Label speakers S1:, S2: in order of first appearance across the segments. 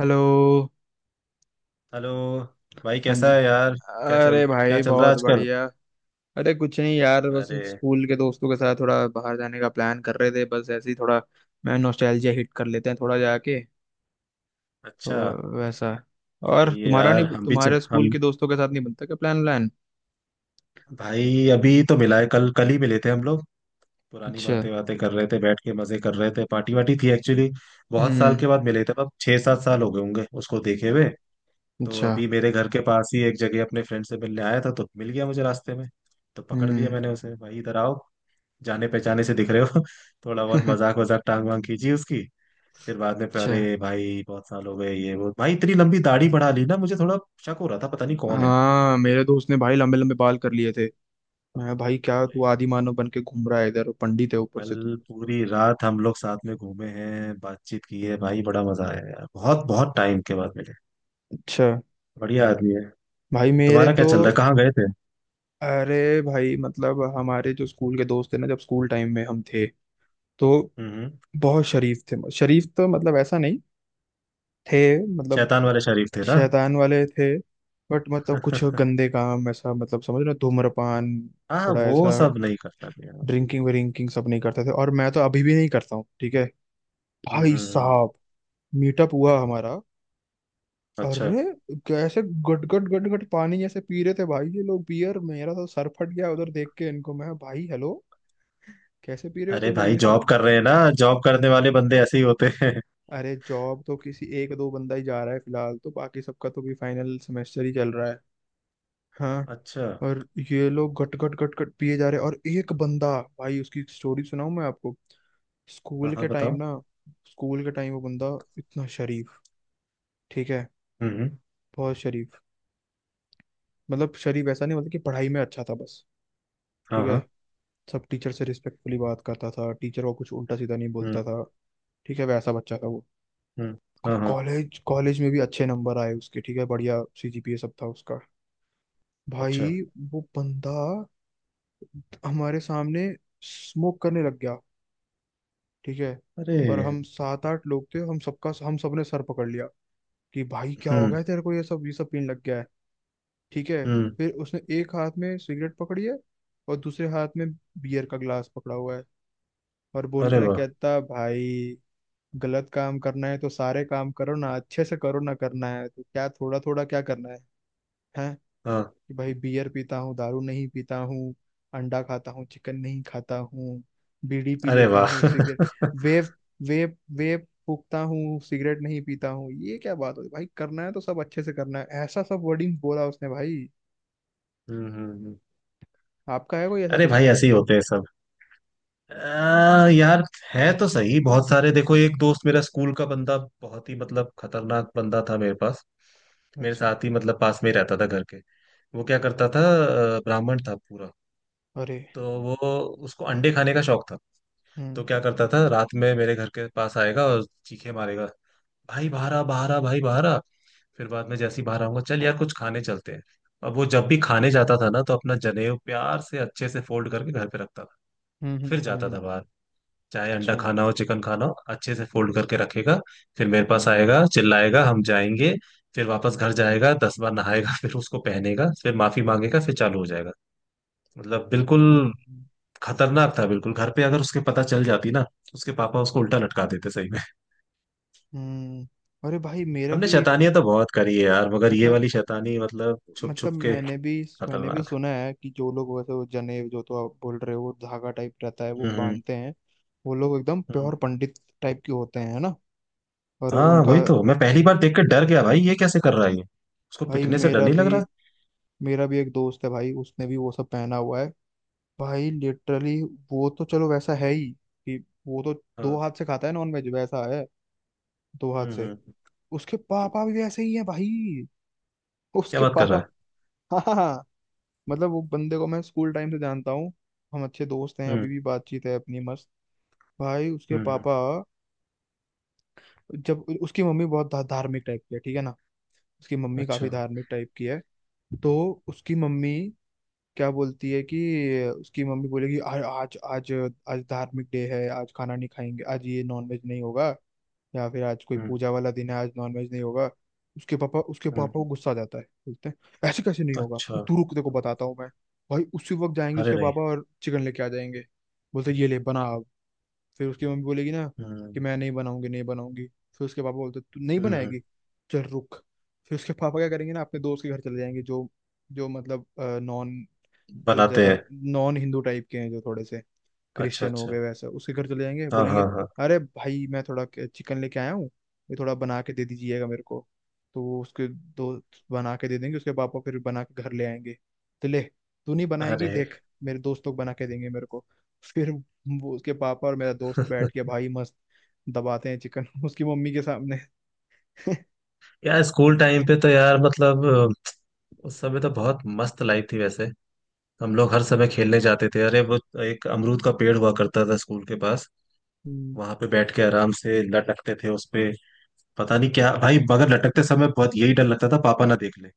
S1: Hello.
S2: Hello. भाई
S1: हाँ जी।
S2: कैसा है यार?
S1: अरे
S2: क्या
S1: भाई,
S2: चल रहा है
S1: बहुत
S2: आजकल?
S1: बढ़िया। अरे, कुछ नहीं यार, बस
S2: अरे
S1: स्कूल के दोस्तों के साथ थोड़ा बाहर जाने का प्लान कर रहे थे, बस ऐसे ही, थोड़ा मैं नॉस्टैल्जिया हिट कर लेते हैं थोड़ा जाके,
S2: अच्छा,
S1: तो वैसा। और
S2: सही है
S1: तुम्हारा
S2: यार।
S1: नहीं,
S2: हम भी च,
S1: तुम्हारे स्कूल
S2: हम
S1: के दोस्तों के साथ नहीं बनता क्या प्लान व्लान?
S2: भाई अभी तो मिला है, कल कल ही मिले थे हम लोग। पुरानी
S1: अच्छा।
S2: बातें बातें कर रहे थे, बैठ के मजे कर रहे थे, पार्टी वार्टी थी एक्चुअली। बहुत साल
S1: हम्म।
S2: के बाद मिले थे, अब 6-7 साल हो गए होंगे उसको देखे हुए। तो
S1: अच्छा।
S2: अभी मेरे घर के पास ही एक जगह अपने फ्रेंड से मिलने आया था तो मिल गया मुझे रास्ते में। तो पकड़ लिया
S1: हम्म।
S2: मैंने उसे, भाई इधर आओ, जाने पहचाने से दिख रहे हो। थोड़ा बहुत मजाक वजाक टांग वांग कीजिए उसकी। फिर बाद में, फिर
S1: अच्छा।
S2: अरे भाई बहुत साल हो गए ये वो, भाई इतनी लंबी दाढ़ी बढ़ा ली ना, मुझे थोड़ा शक हो रहा था पता नहीं कौन है।
S1: हाँ, मेरे दोस्त ने भाई लंबे लंबे बाल कर लिए थे। मैं, भाई क्या तू आदि मानव बन के घूम रहा है इधर, पंडित है ऊपर से तू।
S2: कल पूरी रात हम लोग साथ में घूमे हैं, बातचीत की है भाई, बड़ा मजा आया यार, बहुत बहुत टाइम के बाद मिले।
S1: अच्छा।
S2: बढ़िया आदमी है।
S1: भाई मेरे
S2: तुम्हारा क्या
S1: तो,
S2: चल रहा है, कहाँ गए थे?
S1: अरे भाई मतलब हमारे जो स्कूल के दोस्त थे ना, जब स्कूल टाइम में हम थे तो
S2: हम्म।
S1: बहुत शरीफ थे। शरीफ तो मतलब ऐसा नहीं थे, मतलब
S2: शैतान वाले शरीफ थे ना?
S1: शैतान वाले थे। बट मतलब कुछ गंदे काम, ऐसा मतलब समझ रहे हो, धूम्रपान,
S2: हाँ
S1: थोड़ा
S2: वो
S1: ऐसा
S2: सब नहीं करता मैं यार।
S1: ड्रिंकिंग विरिंकिंग सब नहीं करते थे और मैं तो अभी भी नहीं करता हूँ, ठीक है?
S2: हम्म
S1: भाई
S2: हम्म, हम्म,
S1: साहब, मीटअप हुआ हमारा।
S2: अच्छा।
S1: अरे, कैसे गट गट गट गट पानी जैसे पी रहे थे भाई ये लोग बियर। मेरा तो सर फट गया उधर देख के इनको। मैं, भाई हेलो, कैसे पी रहे हो
S2: अरे
S1: तुम लोग
S2: भाई
S1: ये
S2: जॉब
S1: सब?
S2: कर रहे हैं ना, जॉब करने वाले बंदे ऐसे ही होते हैं।
S1: अरे, जॉब तो किसी एक दो बंदा ही जा रहा है फिलहाल, तो बाकी सबका तो भी फाइनल सेमेस्टर ही चल रहा है। हाँ।
S2: अच्छा।
S1: और ये लोग घट घट घट घट पिए जा रहे हैं और एक बंदा, भाई उसकी स्टोरी सुनाऊं मैं आपको?
S2: हाँ
S1: स्कूल
S2: हाँ,
S1: के टाइम
S2: बताओ।
S1: ना, स्कूल के टाइम वो बंदा इतना शरीफ, ठीक है?
S2: हम्म।
S1: बहुत शरीफ, मतलब शरीफ ऐसा नहीं, मतलब कि पढ़ाई में अच्छा था बस,
S2: हाँ
S1: ठीक है?
S2: हाँ।
S1: सब टीचर से रिस्पेक्टफुली बात करता था, टीचर को कुछ उल्टा सीधा नहीं बोलता था, ठीक है, वैसा बच्चा था वो।
S2: हम्म। हाँ हाँ।
S1: कॉलेज, कॉलेज में भी अच्छे नंबर आए उसके, ठीक है, बढ़िया सीजीपीए सब था उसका।
S2: अच्छा।
S1: भाई, वो बंदा हमारे सामने स्मोक करने लग गया, ठीक है?
S2: अरे।
S1: और हम सात आठ लोग थे, हम सबका, हम सबने सर पकड़ लिया कि भाई क्या हो
S2: हम्म।
S1: गया तेरे को, ये सब पीने लग गया है, ठीक है?
S2: हम्म।
S1: फिर उसने एक हाथ में सिगरेट पकड़ी है और दूसरे हाथ में बियर का गिलास पकड़ा हुआ है, और बोल
S2: अरे
S1: रहा है,
S2: वाह।
S1: कहता भाई, गलत काम करना है तो सारे काम करो ना, अच्छे से करो ना, करना है तो क्या थोड़ा थोड़ा क्या करना है, है?
S2: हाँ।
S1: कि भाई बियर पीता हूँ दारू नहीं पीता हूँ, अंडा खाता हूँ चिकन नहीं खाता हूँ, बीड़ी पी
S2: अरे
S1: लेता
S2: वाह।
S1: हूँ सिगरेट, वेप, वेप फूकता हूँ सिगरेट नहीं पीता हूँ, ये क्या बात होती भाई? करना है तो सब अच्छे से करना है, ऐसा सब वर्डिंग बोला उसने भाई।
S2: हम्म, हम्म।
S1: आपका है कोई ऐसा
S2: अरे भाई
S1: दोस्त?
S2: ऐसे ही होते हैं सब। यार है तो सही बहुत सारे। देखो, एक दोस्त मेरा, स्कूल का बंदा, बहुत ही मतलब खतरनाक बंदा था मेरे पास। मेरे
S1: अच्छा।
S2: साथ ही मतलब पास में ही रहता था घर के। वो क्या करता था, ब्राह्मण था पूरा।
S1: अरे।
S2: तो वो, उसको अंडे खाने का शौक था। तो
S1: हम्म,
S2: क्या करता था, रात में मेरे घर के पास आएगा और चीखे मारेगा, भाई बाहर आ, बाहर आ, भाई बाहर आ। फिर बाद में जैसे ही बाहर आऊंगा, चल यार कुछ खाने चलते हैं। अब वो जब भी खाने जाता था ना, तो अपना जनेऊ प्यार से अच्छे से फोल्ड करके घर पे रखता था।
S1: हम्म, हम्म,
S2: फिर जाता
S1: हम्म।
S2: था बाहर। चाहे अंडा
S1: अच्छा।
S2: खाना हो, चिकन खाना हो, अच्छे से फोल्ड करके रखेगा। फिर मेरे पास आएगा, चिल्लाएगा, हम जाएंगे। फिर वापस घर जाएगा, 10 बार नहाएगा, फिर उसको पहनेगा, फिर माफी मांगेगा, फिर चालू हो जाएगा। मतलब
S1: हम्म,
S2: बिल्कुल
S1: हम्म,
S2: खतरनाक था बिल्कुल। घर पे अगर उसके पता चल जाती ना, उसके पापा उसको उल्टा लटका देते सही में।
S1: हम्म। अरे भाई मेरा
S2: हमने
S1: भी एक,
S2: शैतानियां तो बहुत करी है यार, मगर ये
S1: मतलब
S2: वाली शैतानी मतलब छुप
S1: मतलब
S2: छुप के।
S1: मैंने भी
S2: खतरनाक।
S1: सुना है कि जो लोग वैसे, वो जनेब जो तो आप बोल रहे हो, वो धागा टाइप रहता है वो
S2: हम्म
S1: बांधते हैं, वो लोग एकदम
S2: हम्म।
S1: प्योर पंडित टाइप के होते हैं, है ना? और
S2: हाँ
S1: उनका,
S2: वही तो, मैं पहली बार देख के डर गया भाई, ये कैसे कर रहा है ये, उसको
S1: भाई
S2: पिटने से डर नहीं लग रहा।
S1: मेरा भी एक दोस्त है भाई, उसने भी वो सब पहना हुआ है भाई। लिटरली वो तो चलो वैसा है ही कि, वो तो दो
S2: हाँ।
S1: हाथ से खाता है नॉन वेज, वैसा है, दो हाथ से।
S2: हम्म।
S1: उसके पापा भी वैसे ही है भाई,
S2: क्या
S1: उसके
S2: बात कर
S1: पापा।
S2: रहा है।
S1: हाँ, हाँ, मतलब वो बंदे को मैं स्कूल टाइम से जानता हूँ, हम अच्छे दोस्त हैं
S2: हम्म
S1: अभी भी, बातचीत है अपनी मस्त। भाई उसके
S2: हम्म हम्म,
S1: पापा, जब उसकी मम्मी बहुत धार्मिक टाइप की है, ठीक है ना? उसकी मम्मी काफी
S2: अच्छा।
S1: धार्मिक टाइप की है। तो उसकी मम्मी क्या बोलती है कि, उसकी मम्मी बोलेगी, "आ- आज आज आज धार्मिक डे है, आज खाना नहीं खाएंगे, आज ये नॉनवेज नहीं होगा, या फिर आज कोई
S2: हम्म
S1: पूजा वाला दिन है, आज नॉनवेज नहीं होगा।" उसके पापा को
S2: हम्म।
S1: गुस्सा आ जाता है, बोलते हैं ऐसे कैसे नहीं होगा?
S2: अच्छा।
S1: तू रुक, देखो बताता हूँ मैं। भाई उसी वक्त जाएंगे
S2: अरे
S1: उसके
S2: नहीं।
S1: पापा और चिकन लेके आ जाएंगे, बोलते हैं, ये ले बना। फिर उसकी मम्मी बोलेगी ना कि
S2: हम्म
S1: मैं नहीं बनाऊंगी, नहीं बनाऊंगी। फिर उसके पापा बोलते, तू नहीं
S2: हम्म हम्म।
S1: बनाएगी? चल रुक। फिर उसके पापा क्या करेंगे ना, अपने दोस्त के घर चले जाएंगे, जो, जो मतलब नॉन जो
S2: बनाते हैं।
S1: ज्यादा नॉन हिंदू टाइप के हैं, जो थोड़े से
S2: अच्छा
S1: क्रिश्चियन हो
S2: अच्छा।
S1: गए वैसे, उसके घर चले जाएंगे,
S2: हाँ हाँ
S1: बोलेंगे,
S2: हाँ।
S1: अरे भाई मैं थोड़ा चिकन लेके आया हूँ, ये थोड़ा बना के दे दीजिएगा मेरे को। तो वो उसके दोस्त बना के दे देंगे, उसके पापा फिर बना के घर ले आएंगे, तो ले, तू नहीं बनाएगी,
S2: अरे।
S1: देख मेरे दोस्त लोग बना के देंगे मेरे को। फिर वो उसके पापा और मेरा दोस्त बैठ के भाई मस्त दबाते हैं चिकन, उसकी मम्मी के सामने।
S2: यार स्कूल टाइम पे तो यार मतलब उस समय तो बहुत मस्त लाइफ थी वैसे। हम लोग हर समय खेलने जाते थे। अरे वो, एक अमरूद का पेड़ हुआ करता था स्कूल के पास,
S1: हम्म।
S2: वहां पे बैठ के आराम से लटकते थे उस पे। पता नहीं क्या भाई मगर लटकते समय बहुत यही डर लगता था पापा ना देख ले।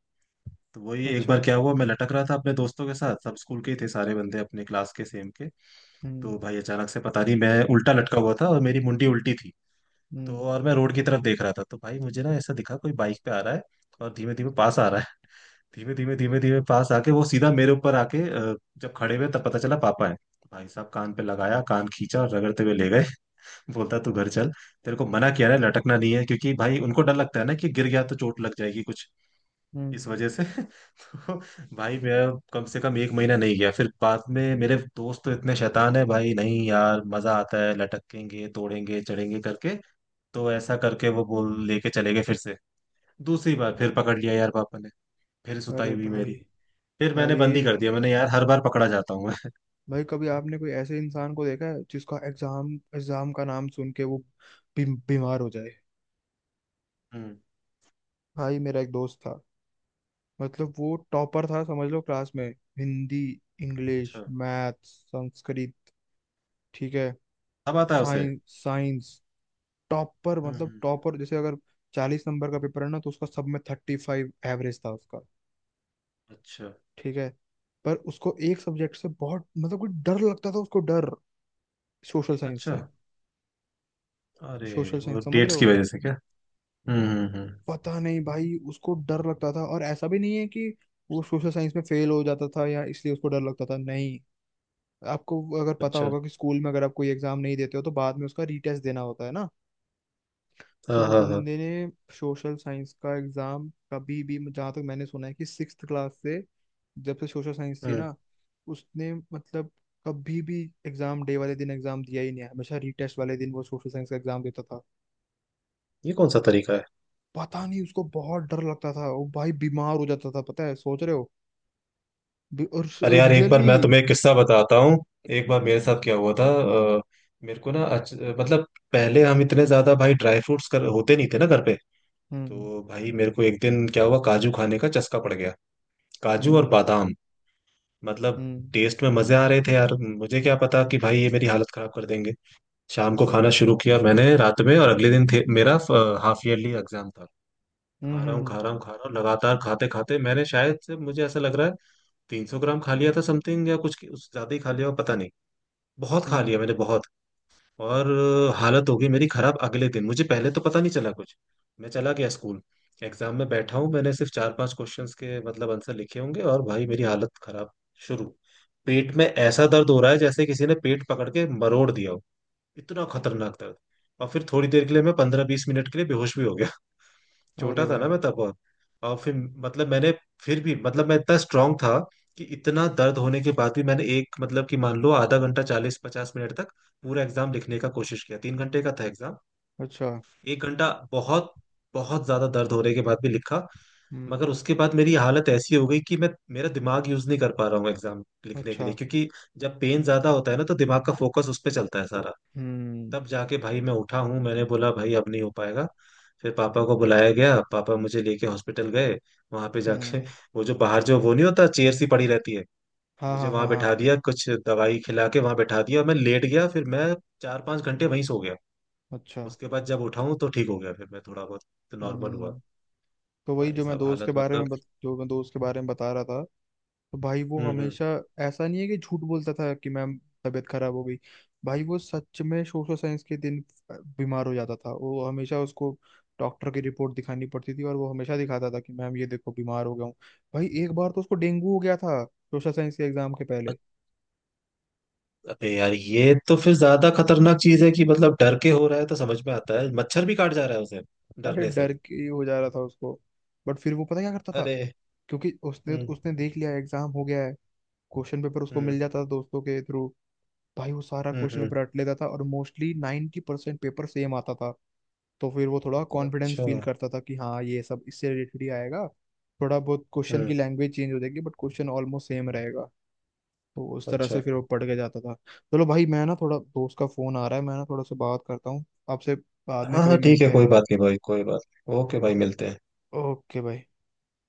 S2: तो वही एक
S1: अच्छा।
S2: बार क्या हुआ, मैं लटक रहा था अपने दोस्तों के साथ, सब स्कूल के ही थे, सारे बंदे अपने क्लास के सेम के। तो
S1: हम्म,
S2: भाई अचानक से पता नहीं, मैं उल्टा लटका हुआ था और मेरी मुंडी उल्टी थी तो,
S1: हम्म,
S2: और मैं रोड की तरफ देख रहा था, तो भाई मुझे ना ऐसा दिखा कोई बाइक पे आ रहा है और धीमे धीमे पास आ रहा है। धीमे धीमे धीमे धीमे पास आके वो सीधा मेरे ऊपर आके जब खड़े हुए तब पता चला पापा है। भाई साहब कान पे लगाया, कान खींचा और रगड़ते हुए ले गए। बोलता तू घर चल, तेरे को मना किया है लटकना नहीं है, क्योंकि भाई उनको डर लगता है ना कि गिर गया तो चोट लग जाएगी कुछ,
S1: हम्म,
S2: इस वजह से। तो भाई मैं कम से कम एक महीना नहीं गया। फिर बाद में मेरे दोस्त तो इतने शैतान है भाई, नहीं यार मजा आता है लटकेंगे तोड़ेंगे चढ़ेंगे करके, तो ऐसा करके वो बोल लेके चले गए फिर से। दूसरी बार फिर पकड़ लिया यार पापा ने, फिर सुताई
S1: अरे
S2: हुई
S1: भाई,
S2: मेरी। फिर मैंने
S1: भाई
S2: बंदी कर दिया, मैंने यार हर बार पकड़ा जाता हूँ मैं।
S1: भाई कभी आपने कोई ऐसे इंसान को देखा है जिसका एग्जाम एग्जाम का नाम सुन के वो बीमार हो जाए?
S2: हम्म।
S1: भाई मेरा एक दोस्त था, मतलब वो टॉपर था समझ लो क्लास में, हिंदी, इंग्लिश,
S2: अच्छा।
S1: मैथ्स, संस्कृत, ठीक है,
S2: अब आता है उसे।
S1: साइंस, टॉपर,
S2: हम्म
S1: मतलब
S2: हम्म,
S1: टॉपर जैसे अगर 40 नंबर का पेपर है ना, तो उसका सब में 35 एवरेज था उसका,
S2: अच्छा
S1: ठीक है? पर उसको एक सब्जेक्ट से बहुत मतलब कोई डर लगता था, उसको डर, सोशल साइंस
S2: अच्छा।
S1: से।
S2: अरे,
S1: सोशल
S2: वो
S1: साइंस समझ रहे
S2: डेट्स की
S1: हो?
S2: वजह से क्या? हम्म हम्म हम्म।
S1: पता नहीं भाई उसको डर लगता था, और ऐसा भी नहीं है कि वो सोशल साइंस में फेल हो जाता था या इसलिए उसको डर लगता था, नहीं। आपको अगर पता
S2: अच्छा।
S1: होगा कि स्कूल में अगर आप कोई एग्जाम नहीं देते हो तो बाद में उसका रीटेस्ट देना होता है ना। तो
S2: हाँ
S1: वो
S2: हाँ हाँ।
S1: बंदे ने सोशल साइंस का एग्जाम कभी भी, जहाँ तक मैंने सुना है कि सिक्स्थ क्लास से, जब से सोशल साइंस थी
S2: हम्म।
S1: ना, उसने मतलब कभी भी एग्जाम डे वाले दिन एग्जाम दिया ही नहीं है। हमेशा रीटेस्ट वाले दिन वो सोशल साइंस का एग्जाम देता था।
S2: ये कौन सा तरीका है?
S1: पता नहीं उसको बहुत डर लगता था, वो भाई बीमार हो जाता था, पता है? सोच रहे हो, और
S2: अरे यार, एक बार
S1: रियली?
S2: मैं तुम्हें एक किस्सा बताता हूँ। एक बार मेरे साथ क्या हुआ था। अ, मेरे को ना मतलब पहले हम इतने ज्यादा भाई ड्राई फ्रूट्स कर होते नहीं थे ना घर पे।
S1: हम्म,
S2: तो भाई मेरे को एक दिन क्या हुआ, काजू खाने का चस्का पड़ गया, काजू और
S1: हम्म,
S2: बादाम मतलब।
S1: हम्म।
S2: टेस्ट में मजे आ रहे थे यार, मुझे क्या पता कि भाई ये मेरी हालत खराब कर देंगे। शाम को
S1: अच्छा।
S2: खाना शुरू किया मैंने रात में, और अगले दिन थे मेरा हाफ ईयरली एग्जाम था।
S1: हम्म,
S2: खा रहा हूँ, खा
S1: हम्म,
S2: रहा हूँ, खा रहा हूँ लगातार, खाते खाते मैंने शायद से मुझे ऐसा लग रहा है 300 ग्राम खा लिया था समथिंग, या कुछ उस ज्यादा ही खा लिया हो, पता नहीं। बहुत खा लिया
S1: हम्म,
S2: मैंने, बहुत। और हालत हो गई मेरी खराब। अगले दिन मुझे पहले तो पता नहीं चला कुछ, मैं चला गया स्कूल, एग्जाम में बैठा हूँ, मैंने सिर्फ 4-5 क्वेश्चंस के मतलब आंसर लिखे होंगे और भाई मेरी हालत खराब शुरू। पेट में ऐसा दर्द हो रहा है जैसे किसी ने पेट पकड़ के मरोड़ दिया हो, इतना खतरनाक दर्द। और फिर थोड़ी देर के लिए मैं 15-20 मिनट के लिए बेहोश भी हो गया,
S1: हम्म। अरे
S2: छोटा था ना
S1: भाई।
S2: मैं तब बहुत। और फिर मतलब, मैंने फिर भी मतलब मैं इतना स्ट्रांग था कि इतना दर्द होने के बाद भी मैंने एक मतलब कि मान लो आधा घंटा, 40-50 मिनट तक पूरा एग्जाम लिखने का कोशिश किया, 3 घंटे का था एग्जाम,
S1: अच्छा।
S2: एक घंटा बहुत, बहुत ज्यादा दर्द होने के बाद भी लिखा।
S1: हम्म।
S2: मगर उसके बाद मेरी हालत ऐसी हो गई कि मैं मेरा दिमाग यूज नहीं कर पा रहा हूँ एग्जाम लिखने के
S1: अच्छा।
S2: लिए, क्योंकि जब पेन ज्यादा होता है ना तो दिमाग का फोकस उस पर चलता है सारा।
S1: हम्म,
S2: तब जाके भाई मैं उठा हूँ, मैंने बोला भाई अब नहीं हो पाएगा। फिर पापा को बुलाया गया, पापा मुझे लेके हॉस्पिटल गए, वहां पे जाके
S1: हम्म।
S2: वो जो बाहर जो वो नहीं होता चेयर सी पड़ी रहती है,
S1: हाँ,
S2: मुझे
S1: हाँ, हाँ,
S2: वहां
S1: हाँ,
S2: बैठा
S1: हाँ।
S2: दिया, कुछ दवाई खिला के वहां बैठा दिया, मैं लेट गया, फिर मैं 4-5 घंटे वहीं सो गया।
S1: अच्छा।
S2: उसके बाद जब उठा हूँ तो ठीक हो गया, फिर मैं थोड़ा बहुत तो नॉर्मल हुआ।
S1: हम्म। तो वही
S2: भाई
S1: जो मैं
S2: साहब
S1: दोस्त के
S2: हालत
S1: बारे
S2: मतलब।
S1: में जो मैं दोस्त के बारे में बता रहा था, तो भाई वो
S2: हम्म।
S1: हमेशा, ऐसा नहीं है कि झूठ बोलता था कि मैम तबीयत खराब हो गई, भाई वो सच में सोशल साइंस के दिन बीमार हो जाता था वो हमेशा। उसको डॉक्टर की रिपोर्ट दिखानी पड़ती थी और वो हमेशा दिखाता था कि मैम ये देखो बीमार हो गया हूँ। भाई एक बार तो उसको डेंगू हो गया था सोशल साइंस के एग्जाम के पहले।
S2: अबे यार ये तो फिर ज्यादा खतरनाक चीज है कि, मतलब डर के हो रहा है तो समझ में आता है, मच्छर भी काट जा रहा है उसे
S1: अरे
S2: डरने से।
S1: डर के हो जा रहा था उसको। बट फिर वो पता क्या करता था,
S2: अरे।
S1: क्योंकि उसने
S2: हम्म
S1: उसने देख लिया एग्जाम हो गया है, क्वेश्चन पेपर उसको मिल
S2: हम्म
S1: जाता था दोस्तों के थ्रू। भाई वो सारा क्वेश्चन
S2: हम्म।
S1: पेपर रट लेता था और मोस्टली 90% पेपर सेम आता था। तो फिर वो थोड़ा कॉन्फिडेंस
S2: अच्छा।
S1: फील करता था कि हाँ ये सब इससे रिलेटेड ही आएगा, थोड़ा बहुत क्वेश्चन की
S2: हम्म।
S1: लैंग्वेज चेंज हो जाएगी बट क्वेश्चन ऑलमोस्ट सेम रहेगा। तो उस तरह से
S2: अच्छा।
S1: फिर वो पढ़ के जाता था। चलो भाई, मैं ना थोड़ा दोस्त का फोन आ रहा है, मैं ना थोड़ा सा बात करता हूँ आपसे, बाद में
S2: हाँ
S1: कभी
S2: हाँ ठीक है,
S1: मिलते हैं।
S2: कोई बात नहीं भाई कोई बात नहीं। ओके भाई, मिलते हैं।
S1: ओके भाई।